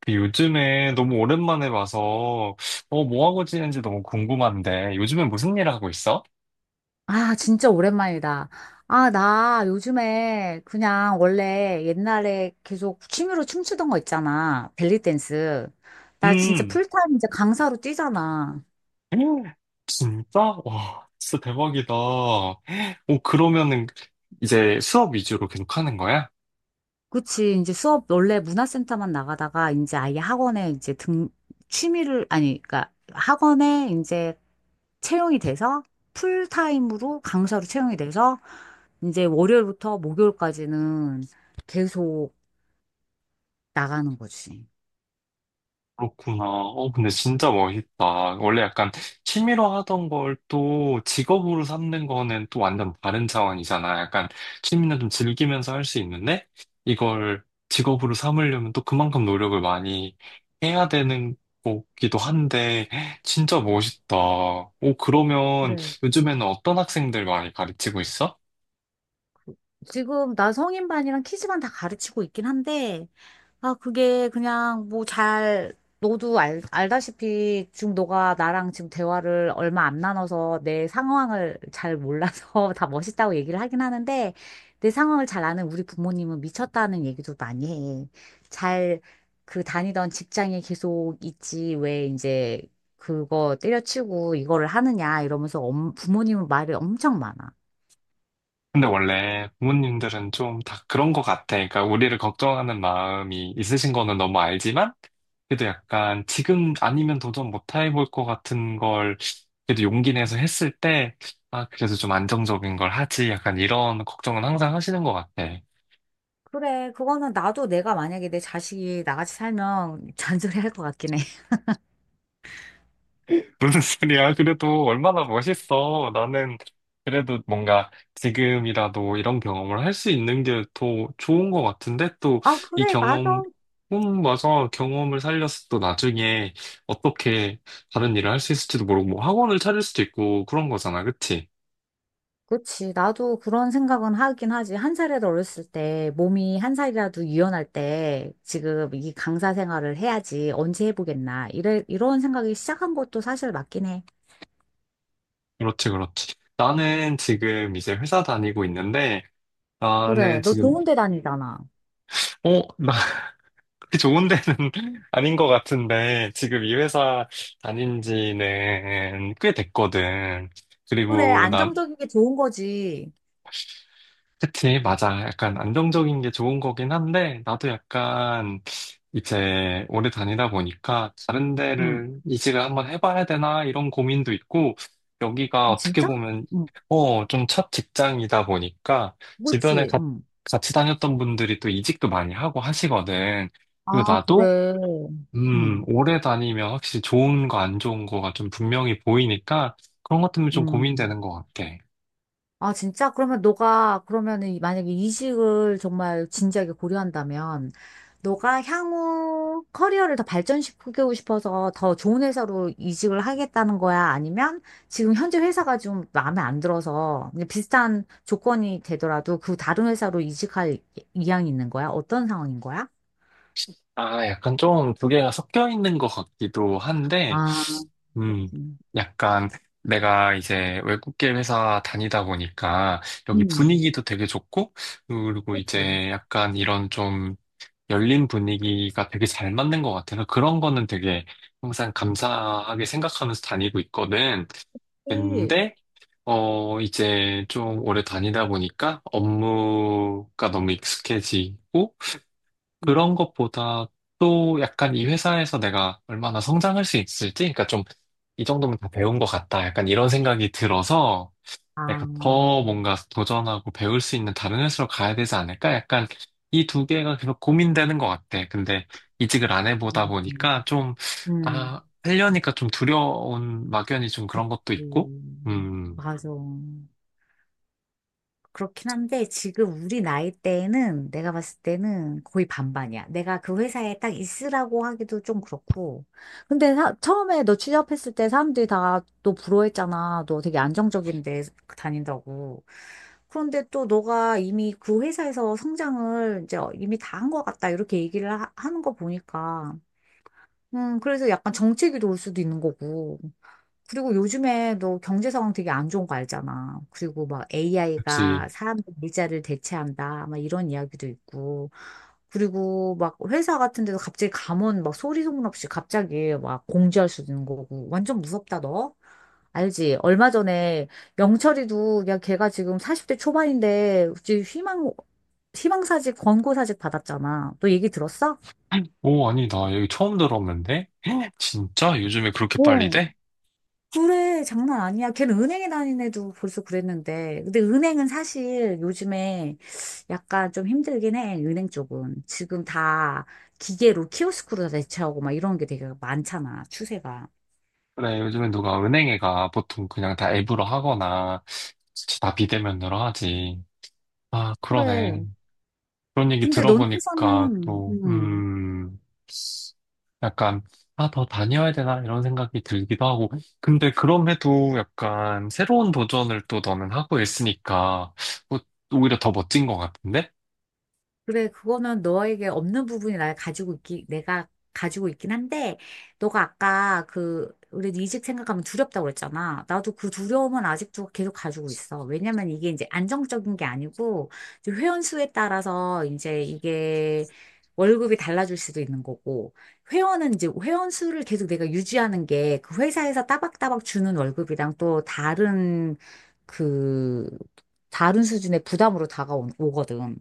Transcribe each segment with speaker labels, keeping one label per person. Speaker 1: 그 요즘에 너무 오랜만에 봐서, 뭐 하고 지내는지 너무 궁금한데, 요즘에 무슨 일 하고 있어?
Speaker 2: 아, 진짜 오랜만이다. 아, 나 요즘에 그냥 원래 옛날에 계속 취미로 춤추던 거 있잖아. 벨리 댄스. 나 진짜
Speaker 1: 음,
Speaker 2: 풀타임 이제 강사로 뛰잖아.
Speaker 1: 음, 진짜? 와, 진짜 대박이다. 오, 그러면은 이제 수업 위주로 계속 하는 거야?
Speaker 2: 그치. 이제 수업 원래 문화센터만 나가다가 이제 아예 학원에 이제 아니, 그러니까 학원에 이제 채용이 돼서 풀타임으로 강사로 채용이 돼서 이제 월요일부터 목요일까지는 계속 나가는 거지.
Speaker 1: 그렇구나. 근데 진짜 멋있다. 원래 약간 취미로 하던 걸 또 직업으로 삼는 거는 또 완전 다른 차원이잖아. 약간 취미는 좀 즐기면서 할 수 있는데 이걸 직업으로 삼으려면 또 그만큼 노력을 많이 해야 되는 거기도 한데 진짜 멋있다. 오, 그러면
Speaker 2: 그래.
Speaker 1: 요즘에는 어떤 학생들 많이 가르치고 있어?
Speaker 2: 지금 나 성인반이랑 키즈반 다 가르치고 있긴 한데, 아, 그게 그냥 뭐 너도 알, 알다시피 지금 너가 나랑 지금 대화를 얼마 안 나눠서 내 상황을 잘 몰라서 다 멋있다고 얘기를 하긴 하는데, 내 상황을 잘 아는 우리 부모님은 미쳤다는 얘기도 많이 해. 잘 그 다니던 직장에 계속 있지, 왜 이제 그거 때려치고 이거를 하느냐 이러면서 부모님은 말이 엄청 많아.
Speaker 1: 근데 원래 부모님들은 좀 다 그런 것 같아. 그러니까 우리를 걱정하는 마음이 있으신 거는 너무 알지만 그래도 약간 지금 아니면 도전 못 해볼 것 같은 걸 그래도 용기 내서 했을 때, 아, 그래도 좀 안정적인 걸 하지. 약간 이런 걱정은 항상 하시는 것 같아.
Speaker 2: 그래, 그거는 나도 내가 만약에 내 자식이 나같이 살면 잔소리 할 것 같긴 해.
Speaker 1: 무슨 소리야? 그래도 얼마나 멋있어. 나는 그래도 뭔가 지금이라도 이런 경험을 할 수 있는 게 더 좋은 것 같은데 또
Speaker 2: 아,
Speaker 1: 이
Speaker 2: 그래, 맞아.
Speaker 1: 경험, 맞아. 경험을 살려서 또 나중에 어떻게 다른 일을 할 수 있을지도 모르고 뭐 학원을 차릴 수도 있고 그런 거잖아. 그치?
Speaker 2: 그치. 나도 그런 생각은 하긴 하지. 한 살이라도 어렸을 때, 몸이 한 살이라도 유연할 때, 지금 이 강사 생활을 해야지. 언제 해보겠나. 이런 생각이 시작한 것도 사실 맞긴 해.
Speaker 1: 그렇지, 그렇지. 나는 지금 이제 회사 다니고 있는데,
Speaker 2: 그래.
Speaker 1: 나는
Speaker 2: 너
Speaker 1: 지금,
Speaker 2: 좋은 데 다니잖아.
Speaker 1: 어, 나 그렇게 좋은 데는 아닌 것 같은데, 지금 이 회사 다닌 지는 꽤 됐거든.
Speaker 2: 그래,
Speaker 1: 그리고 나
Speaker 2: 안정적인 게 좋은 거지.
Speaker 1: 그치, 맞아. 약간 안정적인 게 좋은 거긴 한데, 나도 약간 이제 오래 다니다 보니까 다른
Speaker 2: 응.
Speaker 1: 데를 이직을 한번 해봐야 되나 이런 고민도 있고, 여기가
Speaker 2: 아,
Speaker 1: 어떻게
Speaker 2: 진짜?
Speaker 1: 보면,
Speaker 2: 응.
Speaker 1: 좀 첫 직장이다 보니까, 주변에
Speaker 2: 그치.
Speaker 1: 가-
Speaker 2: 응.
Speaker 1: 같이 다녔던 분들이 또 이직도 많이 하고 하시거든.
Speaker 2: 아,
Speaker 1: 그리고 나도,
Speaker 2: 그래. 응.
Speaker 1: 오래 다니면 확실히 좋은 거 안 좋은 거가 좀 분명히 보이니까, 그런 것 때문에 좀
Speaker 2: 응.
Speaker 1: 고민되는 것 같아.
Speaker 2: 아, 진짜? 그러면 너가, 그러면은 만약에 이직을 정말 진지하게 고려한다면, 너가 향후 커리어를 더 발전시키고 싶어서 더 좋은 회사로 이직을 하겠다는 거야? 아니면 지금 현재 회사가 좀 마음에 안 들어서 그냥 비슷한 조건이 되더라도 그 다른 회사로 이직할 이향이 있는 거야? 어떤 상황인 거야?
Speaker 1: 아, 약간 좀 두 개가 섞여 있는 것 같기도 한데,
Speaker 2: 아,
Speaker 1: 음,
Speaker 2: 음.
Speaker 1: 약간 내가 이제 외국계 회사 다니다 보니까 여기
Speaker 2: 음,
Speaker 1: 분위기도 되게 좋고, 그리고
Speaker 2: 그치.
Speaker 1: 이제 약간 이런 좀 열린 분위기가 되게 잘 맞는 것 같아서 그런 거는 되게 항상 감사하게 생각하면서 다니고 있거든.
Speaker 2: 일.
Speaker 1: 근데, 이제 좀 오래 다니다 보니까 업무가 너무 익숙해지고,
Speaker 2: 음.
Speaker 1: 그런 것보다 또 약간 이 회사에서 내가 얼마나 성장할 수 있을지, 그러니까 좀 이 정도면 다 배운 것 같다. 약간 이런 생각이 들어서
Speaker 2: 아,
Speaker 1: 내가 더 뭔가 도전하고 배울 수 있는 다른 회사로 가야 되지 않을까? 약간 이 두 개가 계속 고민되는 것 같아. 근데 이직을 안 해보다 보니까
Speaker 2: 음.
Speaker 1: 좀,
Speaker 2: 음.
Speaker 1: 아, 하려니까 좀 두려운 막연히 좀 그런 것도 있고, 음,
Speaker 2: 맞아. 그렇긴 한데 지금 우리 나이 때에는 내가 봤을 때는 거의 반반이야. 내가 그 회사에 딱 있으라고 하기도 좀 그렇고. 근데 처음에 너 취업했을 때 사람들이 다 너 부러워했잖아. 너 되게 안정적인 데 다닌다고. 그런데 또 너가 이미 그 회사에서 성장을 이제 이미 다 한 것 같다. 이렇게 얘기를 는거 보니까. 그래서 약간 정체기도 올 수도 있는 거고. 그리고 요즘에 너 경제 상황 되게 안 좋은 거 알잖아. 그리고 막
Speaker 1: 그치.
Speaker 2: AI가 사람들 일자를 대체한다. 막 이런 이야기도 있고. 그리고 막 회사 같은 데도 갑자기 감원 막 소리 소문 없이 갑자기 막 공지할 수 있는 거고. 완전 무섭다, 너. 알지? 얼마 전에 영철이도 야 걔가 지금 40대 초반인데 지금 희망사직 권고사직 받았잖아. 너 얘기 들었어?
Speaker 1: 오, 아니, 나 여기 처음 들었는데? 진짜? 요즘에 그렇게 빨리
Speaker 2: 어.
Speaker 1: 돼?
Speaker 2: 그래, 장난 아니야. 걔는 은행에 다닌 애도 벌써 그랬는데. 근데 은행은 사실 요즘에 약간 좀 힘들긴 해, 은행 쪽은. 지금 다 기계로 키오스크로 다 대체하고 막 이런 게 되게 많잖아, 추세가.
Speaker 1: 그래, 요즘엔 누가 은행에 가 보통 그냥 다 앱으로 하거나 다 비대면으로 하지. 아, 그러네.
Speaker 2: 그래.
Speaker 1: 그런 얘기
Speaker 2: 근데 너네
Speaker 1: 들어보니까
Speaker 2: 회사는,
Speaker 1: 또, 약간, 아, 더 다녀야 되나? 이런 생각이 들기도 하고. 근데 그럼에도 약간 새로운 도전을 또 너는 하고 있으니까 뭐 오히려 더 멋진 것 같은데?
Speaker 2: 그래, 그거는 너에게 없는 부분이 내가 가지고 있긴 한데, 너가 아까 그, 우리 이직 생각하면 두렵다고 그랬잖아. 나도 그 두려움은 아직도 계속 가지고 있어. 왜냐면 이게 이제 안정적인 게 아니고, 이제 회원 수에 따라서 이제 이게 월급이 달라질 수도 있는 거고, 회원은 이제 회원 수를 계속 내가 유지하는 게 그 회사에서 따박따박 주는 월급이랑 또 다른 그, 다른 수준의 부담으로 다가오거든.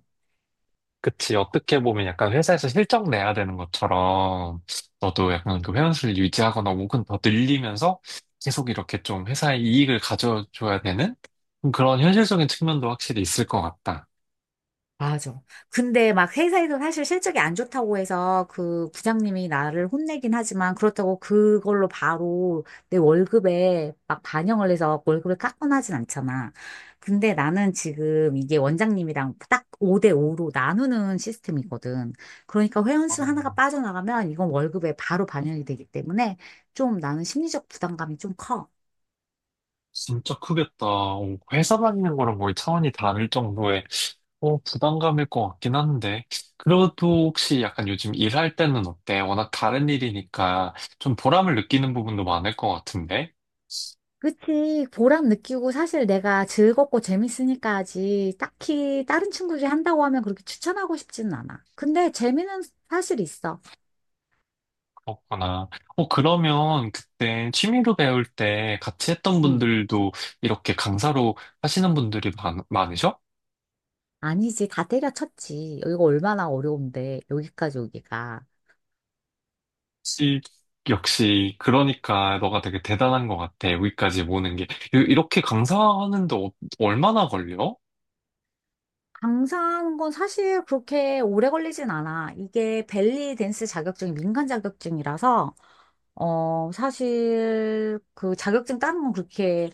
Speaker 1: 그치. 어떻게 보면 약간 회사에서 실적 내야 되는 것처럼 너도 약간 그 회원수를 유지하거나 혹은 더 늘리면서 계속 이렇게 좀 회사에 이익을 가져줘야 되는 그런 현실적인 측면도 확실히 있을 것 같다.
Speaker 2: 맞아. 근데 막 회사에서 사실 실적이 안 좋다고 해서 그 부장님이 나를 혼내긴 하지만 그렇다고 그걸로 바로 내 월급에 막 반영을 해서 월급을 깎거나 하진 않잖아. 근데 나는 지금 이게 원장님이랑 딱 5대 5로 나누는 시스템이거든. 그러니까 회원수
Speaker 1: 아,
Speaker 2: 하나가 빠져나가면 이건 월급에 바로 반영이 되기 때문에 좀 나는 심리적 부담감이 좀 커.
Speaker 1: 진짜 크겠다. 회사 다니는 거랑 거의 차원이 다를 정도의 부담감일 것 같긴 한데. 그래도 혹시 약간 요즘 일할 때는 어때? 워낙 다른 일이니까 좀 보람을 느끼는 부분도 많을 것 같은데.
Speaker 2: 그치. 보람 느끼고 사실 내가 즐겁고 재밌으니까 지 딱히 다른 친구들이 한다고 하면 그렇게 추천하고 싶지는 않아. 근데 재미는 사실 있어.
Speaker 1: 그렇구나. 그러면 그때 취미로 배울 때 같이 했던
Speaker 2: 응.
Speaker 1: 분들도 이렇게 강사로 하시는 많으셔?
Speaker 2: 아니지. 다 때려쳤지. 여기가 얼마나 어려운데. 여기까지 오기가.
Speaker 1: 역시, 역시, 그러니까 너가 되게 대단한 것 같아. 여기까지 모는 게. 이렇게 강사하는데 얼마나 걸려?
Speaker 2: 강사하는 건 사실 그렇게 오래 걸리진 않아. 이게 벨리 댄스 자격증이 민간 자격증이라서, 어, 사실 그 자격증 따는 건 그렇게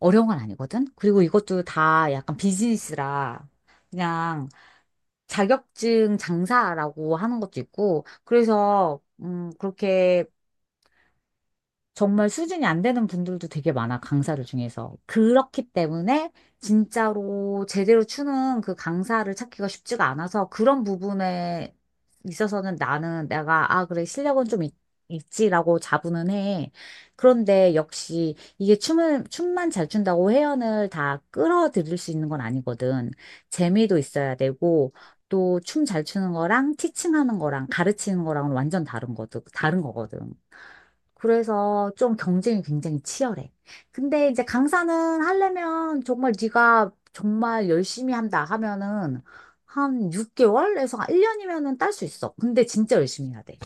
Speaker 2: 어려운 건 아니거든? 그리고 이것도 다 약간 비즈니스라. 그냥 자격증 장사라고 하는 것도 있고, 그래서, 그렇게 정말 수준이 안 되는 분들도 되게 많아, 강사들 중에서. 그렇기 때문에 진짜로 제대로 추는 그 강사를 찾기가 쉽지가 않아서 그런 부분에 있어서는 나는 내가, 아, 그래, 실력은 좀 있, 있지라고 자부는 해. 그런데 역시 이게 춤만 잘 춘다고 회원을 다 끌어들일 수 있는 건 아니거든. 재미도 있어야 되고, 또 춤 잘 추는 거랑 티칭하는 거랑 가르치는 거랑은 완전 다른 거거든. 그래서 좀 경쟁이 굉장히 치열해. 근데 이제 강사는 하려면 정말 네가 정말 열심히 한다 하면은 한 6개월에서 1년이면은 딸 수 있어. 근데 진짜 열심히 해야 돼.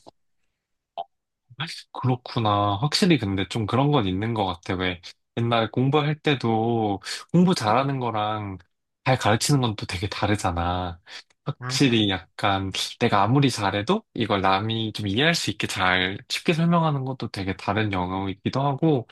Speaker 1: 그렇구나. 확실히 근데 좀 그런 건 있는 것 같아. 왜 옛날 공부할 때도 공부
Speaker 2: 음,
Speaker 1: 잘하는 거랑 잘 가르치는 건 또 되게 다르잖아.
Speaker 2: 맞아.
Speaker 1: 확실히 약간 내가 아무리 잘해도 이걸 남이 좀 이해할 수 있게 잘 쉽게 설명하는 것도 되게 다른 영역이기도 하고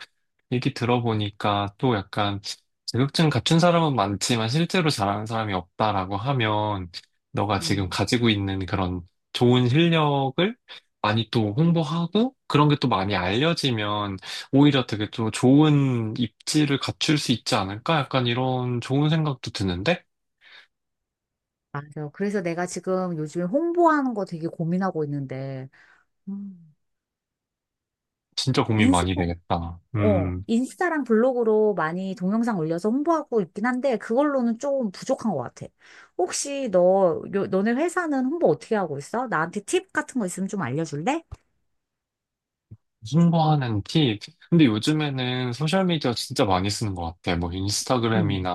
Speaker 1: 얘기 들어보니까 또 약간 자격증 갖춘 사람은 많지만 실제로 잘하는 사람이 없다라고 하면 너가 지금
Speaker 2: 음,
Speaker 1: 가지고 있는 그런 좋은 실력을 많이 또 홍보하고 그런 게 또 많이 알려지면 오히려 되게 또 좋은 입지를 갖출 수 있지 않을까? 약간 이런 좋은 생각도 드는데
Speaker 2: 맞아. 그래서 내가 지금 요즘에 홍보하는 거 되게 고민하고 있는데, 음,
Speaker 1: 진짜 고민
Speaker 2: 인생
Speaker 1: 많이 되겠다.
Speaker 2: 인스타랑 블로그로 많이 동영상 올려서 홍보하고 있긴 한데, 그걸로는 조금 부족한 것 같아. 혹시 너, 너네 회사는 홍보 어떻게 하고 있어? 나한테 팁 같은 거 있으면 좀 알려줄래?
Speaker 1: 홍보하는 팁. 근데 요즘에는 소셜미디어 진짜 많이 쓰는 것 같아. 뭐
Speaker 2: 응,
Speaker 1: 인스타그램이나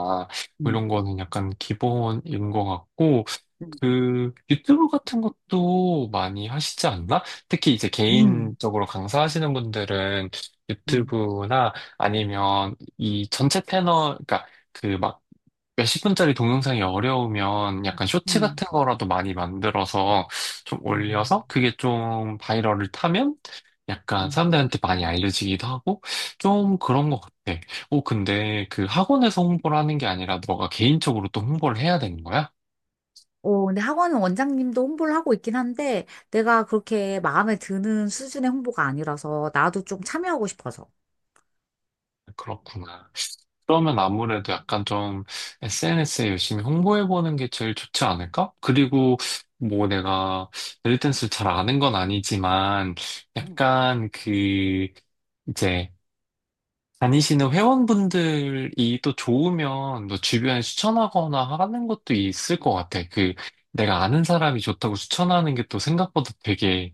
Speaker 1: 뭐
Speaker 2: 응,
Speaker 1: 이런 거는 약간 기본인 것 같고
Speaker 2: 응,
Speaker 1: 그 유튜브 같은 것도 많이 하시지 않나? 특히 이제
Speaker 2: 응,
Speaker 1: 개인적으로 강사하시는 분들은
Speaker 2: 응,
Speaker 1: 유튜브나 아니면 이 전체 패널, 그러니까 그 막 몇십 분짜리 동영상이 어려우면 약간 쇼츠
Speaker 2: 응.
Speaker 1: 같은 거라도 많이 만들어서 좀
Speaker 2: 응.
Speaker 1: 올려서 그게 좀 바이럴을 타면 약간
Speaker 2: 응.
Speaker 1: 사람들한테 많이 알려지기도 하고 좀 그런 것 같아. 오, 근데 그 학원에서 홍보를 하는 게 아니라 너가 개인적으로 또 홍보를 해야 되는 거야?
Speaker 2: 어, 근데 학원 원장님도 홍보를 하고 있긴 한데, 내가 그렇게 마음에 드는 수준의 홍보가 아니라서, 나도 좀 참여하고 싶어서.
Speaker 1: 그렇구나. 그러면 아무래도 약간 좀 SNS에 열심히 홍보해보는 게 제일 좋지 않을까? 그리고 뭐 내가 벨리댄스를 잘 아는 건 아니지만 약간 그 이제 다니시는 회원분들이 또 좋으면 너 주변에 추천하거나 하는 것도 있을 것 같아. 그 내가 아는 사람이 좋다고 추천하는 게 또 생각보다 되게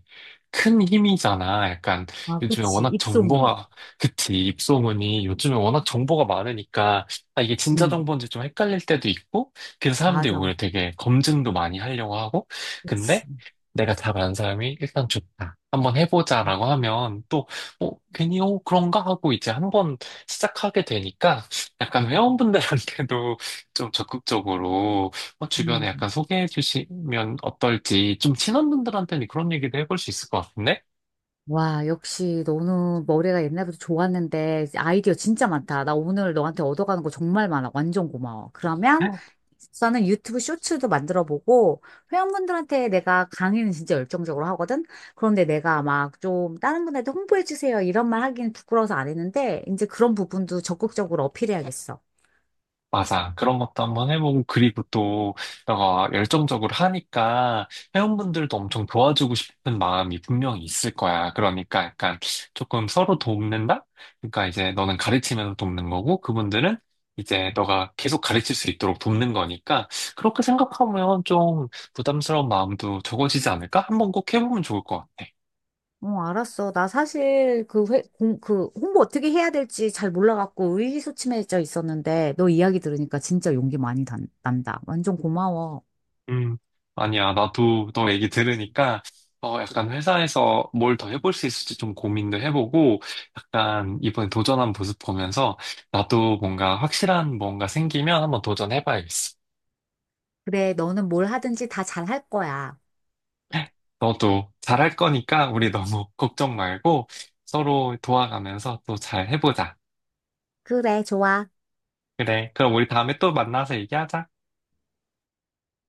Speaker 1: 큰 힘이잖아. 약간
Speaker 2: 아,
Speaker 1: 요즘에
Speaker 2: 그치.
Speaker 1: 워낙
Speaker 2: 입소문.
Speaker 1: 정보가, 그치, 입소문이 요즘에 워낙 정보가 많으니까 아, 이게 진짜
Speaker 2: 응,
Speaker 1: 정보인지 좀 헷갈릴 때도 있고 그래서 사람들이
Speaker 2: 맞아,
Speaker 1: 오히려
Speaker 2: 맞아.
Speaker 1: 되게 검증도 많이 하려고 하고 근데
Speaker 2: 그치.
Speaker 1: 내가 잘 아는 사람이 일단 좋다. 한번 해보자라고 하면 또 괜히, 어, 그런가? 하고 이제 한번 시작하게 되니까 약간
Speaker 2: 응,
Speaker 1: 회원분들한테도 좀 적극적으로 주변에 약간
Speaker 2: 응.
Speaker 1: 소개해 주시면 어떨지 좀 친한 분들한테는 그런 얘기도 해볼 수 있을 것 같은데?
Speaker 2: 와, 역시 너는 머리가 옛날부터 좋았는데 아이디어 진짜 많다. 나 오늘 너한테 얻어가는 거 정말 많아. 완전 고마워. 그러면 나는 유튜브 쇼츠도 만들어 보고 회원분들한테 내가 강의는 진짜 열정적으로 하거든. 그런데 내가 막 좀 다른 분한테 홍보해 주세요 이런 말 하기는 부끄러워서 안 했는데 이제 그런 부분도 적극적으로 어필해야겠어.
Speaker 1: 맞아. 그런 것도 한번 해보고, 그리고 또, 너가 열정적으로 하니까, 회원분들도 엄청 도와주고 싶은 마음이 분명히 있을 거야. 그러니까 약간 조금 서로 돕는다? 그러니까 이제 너는 가르치면서 돕는 거고, 그분들은 이제 너가 계속 가르칠 수 있도록 돕는 거니까, 그렇게 생각하면 좀 부담스러운 마음도 적어지지 않을까? 한번 꼭 해보면 좋을 것 같아.
Speaker 2: 어, 알았어. 나 사실 그 그 홍보 어떻게 해야 될지 잘 몰라갖고 의기소침해져 있었는데 너 이야기 들으니까 진짜 용기 많이 단, 난다. 완전 고마워.
Speaker 1: 음, 아니야. 나도 너 얘기 들으니까, 약간 회사에서 뭘 더 해볼 수 있을지 좀 고민도 해보고, 약간 이번에 도전한 모습 보면서, 나도 뭔가 확실한 뭔가 생기면 한번 도전해봐야겠어.
Speaker 2: 그래, 너는 뭘 하든지 다 잘할 거야.
Speaker 1: 너도 잘할 거니까 우리 너무 걱정 말고 서로 도와가면서 또 잘 해보자.
Speaker 2: 그래, 좋아.
Speaker 1: 그래. 그럼 우리 다음에 또 만나서 얘기하자.